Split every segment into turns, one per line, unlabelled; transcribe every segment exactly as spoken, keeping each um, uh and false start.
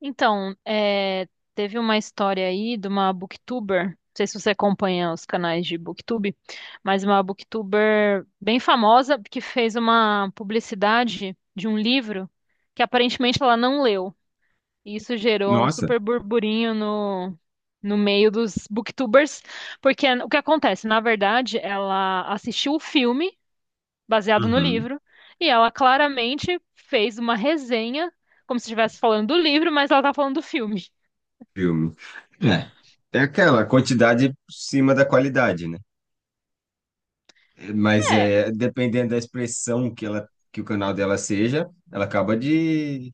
Então, é, teve uma história aí de uma booktuber, não sei se você acompanha os canais de booktube, mas uma booktuber bem famosa que fez uma publicidade de um livro que aparentemente ela não leu. E isso gerou um
Nossa.
super burburinho no, no meio dos booktubers, porque o que acontece? Na verdade, ela assistiu o filme baseado no
Uhum.
livro, e ela claramente fez uma resenha, como se estivesse falando do livro, mas ela tá falando do filme.
Filme. É. É aquela quantidade por cima da qualidade, né? Mas
É,
é dependendo da expressão que ela que o canal dela seja, ela acaba de,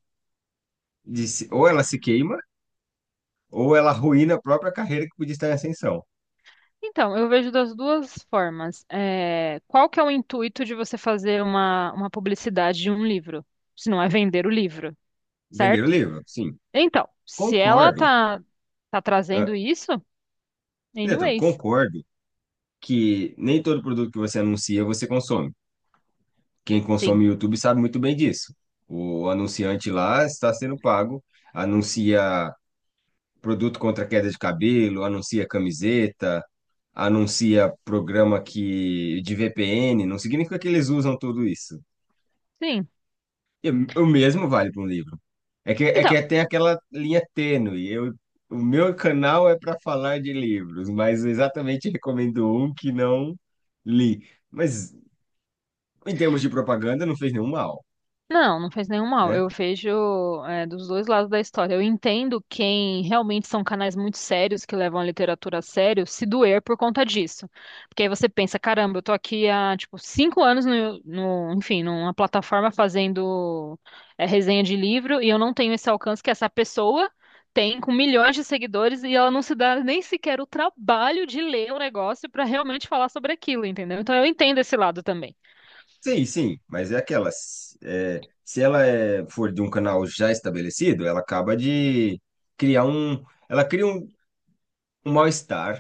de se- ou ela se queima ou ela arruína a própria carreira que podia estar em ascensão.
então, eu vejo das duas formas. É, qual que é o intuito de você fazer uma, uma publicidade de um livro, se não é vender o livro,
Vender o
certo?
livro? Sim.
Então, se ela
Concordo.
tá, tá
Ah,
trazendo isso,
Neto,
anyways,
concordo que nem todo produto que você anuncia você consome. Quem
sim,
consome YouTube sabe muito bem disso. O anunciante lá está sendo pago, anuncia produto contra queda de cabelo, anuncia camiseta, anuncia programa que de V P N, não significa que eles usam tudo isso.
sim.
E o mesmo vale para um livro. É que, é que
Então,
tem aquela linha tênue. Eu, o meu canal é para falar de livros, mas eu exatamente recomendo um que não li. Mas em termos de propaganda, não fez nenhum mal,
não, não faz nenhum mal.
né?
Eu vejo, é, dos dois lados da história. Eu entendo quem realmente são canais muito sérios que levam a literatura a sério se doer por conta disso. Porque aí você pensa, caramba, eu tô aqui há, tipo, cinco anos no, no- enfim, numa plataforma fazendo, é, resenha de livro e eu não tenho esse alcance que essa pessoa tem com milhões de seguidores e ela não se dá nem sequer o trabalho de ler o negócio pra realmente falar sobre aquilo, entendeu? Então eu entendo esse lado também.
Sim, sim, mas é aquela. S- é, se ela é- for de um canal já estabelecido, ela acaba de criar um. Ela cria um, um mal-estar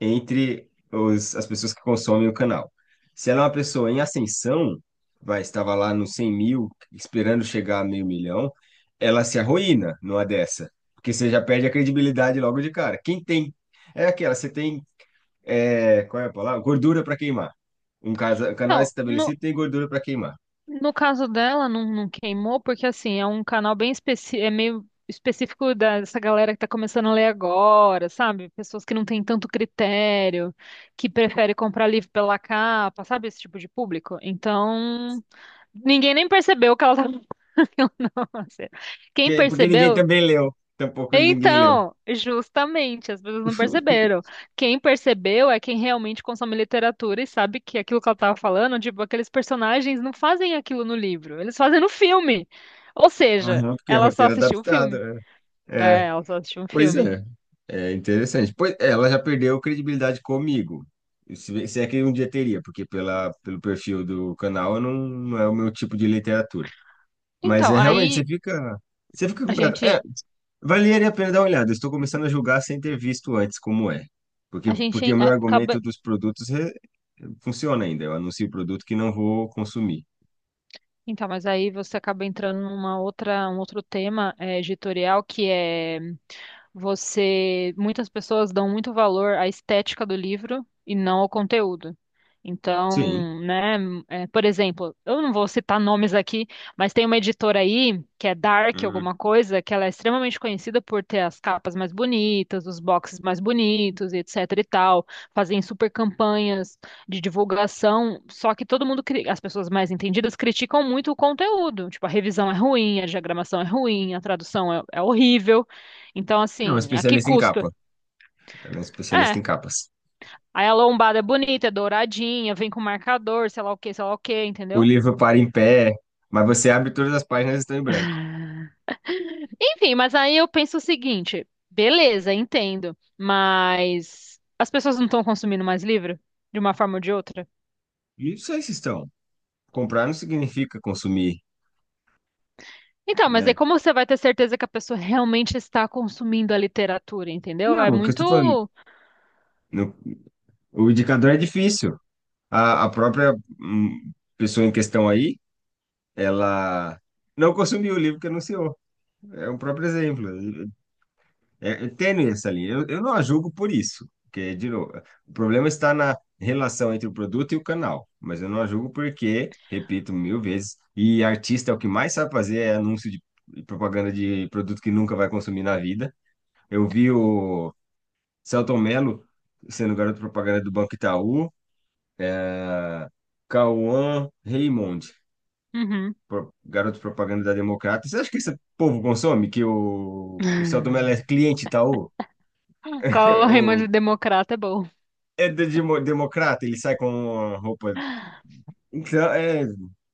entre os, as pessoas que consomem o canal. Se ela é uma pessoa em ascensão, vai, estava lá nos cem mil, esperando chegar a meio milhão, ela se arruína numa dessa. Porque você já perde a credibilidade logo de cara. Quem tem. É aquela, você tem. É, qual é a palavra? Gordura para queimar. Um casa- canal
Então, no-
estabelecido tem gordura para queimar.
no caso dela, não, não queimou, porque assim, é um canal bem específico, é meio específico dessa galera que tá começando a ler agora, sabe? Pessoas que não têm tanto critério, que prefere comprar livro pela capa, sabe? Esse tipo de público. Então, ninguém nem percebeu que ela tava fazendo, não, assim. Quem
Porque, porque ninguém
percebeu,
também leu. Tampouco ninguém leu.
então, justamente, as pessoas não perceberam. Quem percebeu é quem realmente consome literatura e sabe que aquilo que ela estava falando, tipo, aqueles personagens não fazem aquilo no livro, eles fazem no filme. Ou seja,
Aham, porque é
ela só
roteiro
assistiu o
adaptado.
filme.
É.
É,
É.
ela só assistiu um
Pois
filme.
é. É interessante. Pois, é, ela já perdeu credibilidade comigo. Se, se é que um dia teria, porque pela, pelo perfil do canal eu não, não é o meu tipo de literatura. Mas
Então,
é realmente, você
aí
fica. Você fica
a
completo. É,
gente,
valeria a pena dar uma olhada. Eu estou começando a julgar sem ter visto antes como é.
a
Porque, porque
gente
o meu
acaba.
argumento dos produtos re- funciona ainda. Eu anuncio o produto que não vou consumir.
Então, mas aí você acaba entrando numa outra, um outro tema eh, editorial, que é você, muitas pessoas dão muito valor à estética do livro e não ao conteúdo.
Sim.
Então, né, eh, por exemplo, eu não vou citar nomes aqui, mas tem uma editora aí que é Dark alguma coisa, que ela é extremamente conhecida por ter as capas mais bonitas, os boxes mais bonitos, etc e tal, fazem super campanhas de divulgação, só que todo mundo, cri- as pessoas mais entendidas criticam muito o conteúdo. Tipo, a revisão é ruim, a diagramação é ruim, a tradução é, é horrível. Então,
É um
assim, a que
especialista em
custa?
capa. Ela é um especialista em
É.
capas.
Aí a lombada é bonita, é douradinha, vem com marcador, sei lá o que, sei lá o que,
O
entendeu?
livro para em pé, mas você abre todas as páginas estão em branco.
Enfim, mas aí eu penso o seguinte, beleza, entendo, mas as pessoas não estão consumindo mais livro de uma forma ou de outra?
E não sei se estão. Comprar não significa consumir,
Então, mas aí
né?
como você vai ter certeza que a pessoa realmente está consumindo a literatura, entendeu? É
Não, o que eu estou falando,
muito.
no- o indicador é difícil. A, a própria hum, pessoa em questão aí, ela não consumiu o livro que anunciou. É um próprio exemplo. É, é tênue essa linha. Eu, eu não a julgo por isso, porque, de novo, o problema está na relação entre o produto e o canal, mas eu não a julgo porque, repito mil vezes, e artista é o que mais sabe fazer é anúncio de e propaganda de produto que nunca vai consumir na vida. Eu vi o Selton Mello sendo garoto propaganda do Banco Itaú, é, Cauã Raymond,
Uhum.
pro- garoto propaganda da Democrata. Você acha que esse povo consome? Que o, o Selton Mello é cliente Itaú?
Qual o Raimundo Democrata é bom.
É de demo- democrata, ele sai com uma roupa. Então, é,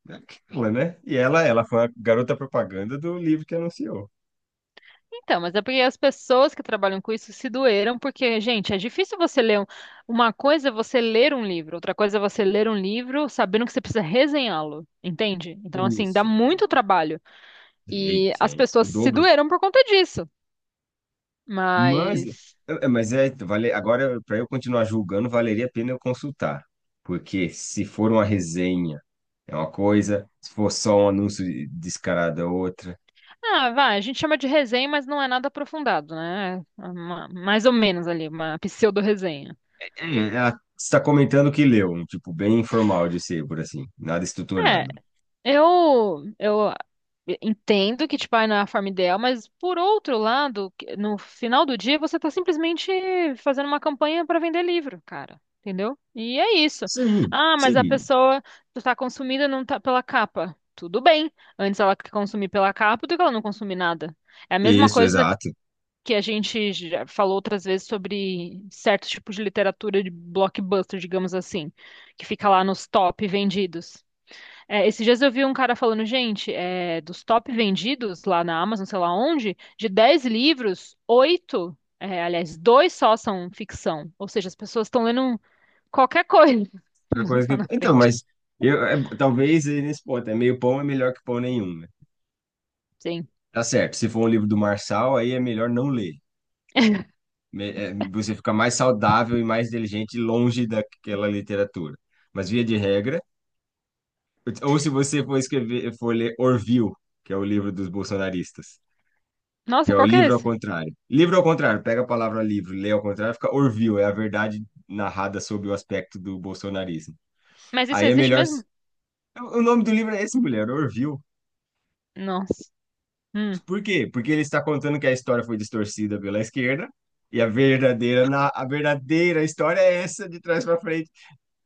é aquela, né? E ela, ela foi a garota propaganda do livro que anunciou.
Então, mas é porque as pessoas que trabalham com isso se doeram, porque, gente, é difícil você ler um- uma coisa é você ler um livro, outra coisa é você ler um livro sabendo que você precisa resenhá-lo, entende? Então, assim, dá
Isso.
muito trabalho.
Sei,
E as
sei. O
pessoas se
dobro.
doeram por conta disso.
Mas,
Mas,
é, mas é, vale, agora, para eu continuar julgando, valeria a pena eu consultar. Porque se for uma resenha, é uma coisa, se for só um anúncio descarado, é outra.
ah, vai, a gente chama de resenha, mas não é nada aprofundado, né? É uma- mais ou menos ali, uma pseudo-resenha.
É, ela está comentando o que leu, um tipo bem informal de ser, por assim, nada
É,
estruturado.
eu, eu entendo que, tipo, ah, não é a forma ideal, mas por outro lado, que- no final do dia, você tá simplesmente fazendo uma campanha para vender livro, cara. Entendeu? E é isso.
Sim,
Ah, mas a
sim.
pessoa tá consumida não tá pela capa. Tudo bem. Antes ela consumir pela capa do que ela não consumir nada. É a mesma
Isso,
coisa
exato.
que a gente já falou outras vezes sobre certos tipos de literatura de blockbuster, digamos assim, que fica lá nos top vendidos. É, esses dias eu vi um cara falando, gente, é, dos top vendidos lá na Amazon, sei lá onde, de dez livros, oito, é, aliás, dois só são ficção. Ou seja, as pessoas estão lendo qualquer coisa
É uma coisa
lá
que.
na
Então,
frente.
mas eu, é, talvez aí nesse ponto, é meio pão é melhor que pão nenhum, né?
Sim.
Tá certo, se for um livro do Marçal, aí é melhor não ler. Me- é, você fica mais saudável e mais inteligente longe daquela literatura. Mas via de regra, ou se você for escrever, for ler Orville, que é o livro dos bolsonaristas, que
Nossa,
é o
qual que é
livro ao
esse?
contrário. Livro ao contrário, pega a palavra livro, lê ao contrário, fica Orville, é a verdade narrada sob o aspecto do bolsonarismo.
Mas isso
Aí é
existe
melhor.
mesmo?
O nome do livro é esse, mulher, Orville.
Nossa. Hum.
Por quê? Porque ele está contando que a história foi distorcida pela esquerda e a verdadeira, na- a verdadeira história é essa de trás para frente.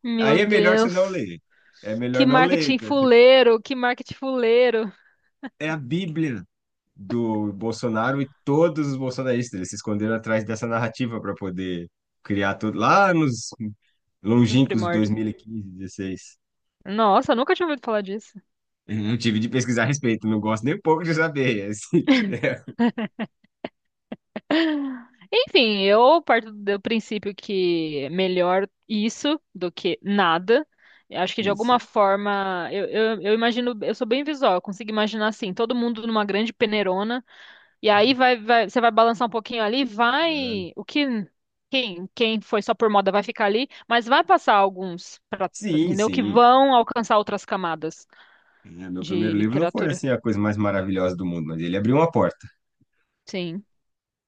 Meu
Aí é melhor você não
Deus.
ler. É
Que
melhor não ler.
marketing
Então, tipo,
fuleiro, que marketing fuleiro.
é a Bíblia do Bolsonaro e todos os bolsonaristas. Eles se esconderam atrás dessa narrativa para poder criar tudo lá nos
Nos
longínquos
primórdios.
dois mil e quinze, dezesseis.
Nossa, eu nunca tinha ouvido falar disso.
Eu tive de pesquisar a respeito, não gosto nem um pouco de saber. Assim, é
Enfim, eu parto do princípio que é melhor isso do que nada. Eu acho que de alguma
isso.
forma, eu, eu, eu imagino, eu sou bem visual, eu consigo imaginar assim, todo mundo numa grande peneirona, e aí vai, vai, você vai balançar um pouquinho ali, vai, o que, quem, quem foi só por moda vai ficar ali, mas vai passar alguns, pra,
Sim,
entendeu? Que
sim.
vão alcançar outras camadas
É, meu
de
primeiro livro não foi
literatura.
assim a coisa mais maravilhosa do mundo, mas ele abriu uma porta.
Sim,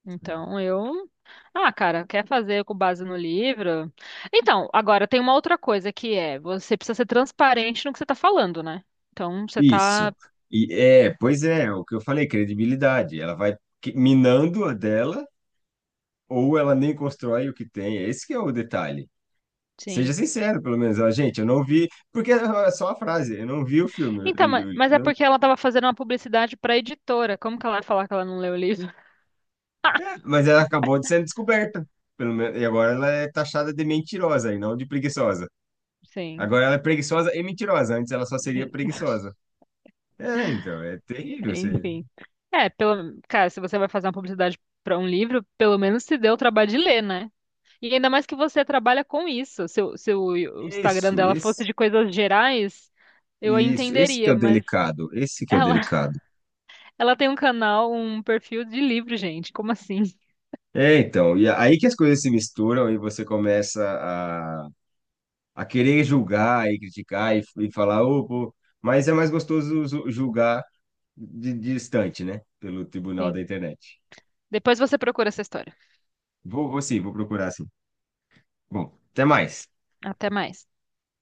então eu ah, cara, quer fazer com base no livro? Então, agora tem uma outra coisa que é, você precisa ser transparente no que você tá falando, né? Então, você tá,
Isso. E é, pois é, o que eu falei, credibilidade. Ela vai que- minando a dela ou ela nem constrói o que tem. É. Esse que é o detalhe. Seja
sim.
sincero, pelo menos. Ela, gente, eu não vi, porque é só a frase, eu não vi o filme.
Então,
Eu-
ma-
eu- eu
mas é
não-
porque ela tava fazendo uma publicidade pra editora. Como que ela vai falar que ela não leu o livro?
É, mas ela acabou de ser descoberta, pelo menos, e agora ela é taxada de mentirosa e não de preguiçosa.
Sim.
Agora ela é preguiçosa e mentirosa, antes ela só seria preguiçosa. É, então, é terrível você.
Enfim. É, pelo, cara, se você vai fazer uma publicidade pra um livro, pelo menos se deu o trabalho de ler, né? E ainda mais que você trabalha com isso. Se, o- se o o Instagram
Isso,
dela fosse
esse,
de coisas gerais, eu a
isso, esse que é
entenderia,
o
mas
delicado, esse que é o
ela
delicado.
Ela tem um canal, um perfil de livro, gente. Como assim?
É, então, e aí que as coisas se misturam e você começa a, a querer julgar e criticar e, e falar, "Ô, pô", mas é mais gostoso ju- julgar de, de distante, né? Pelo tribunal
Sim.
da internet.
Depois você procura essa história.
Vou, vou sim, vou procurar sim. Bom, até mais.
Até mais.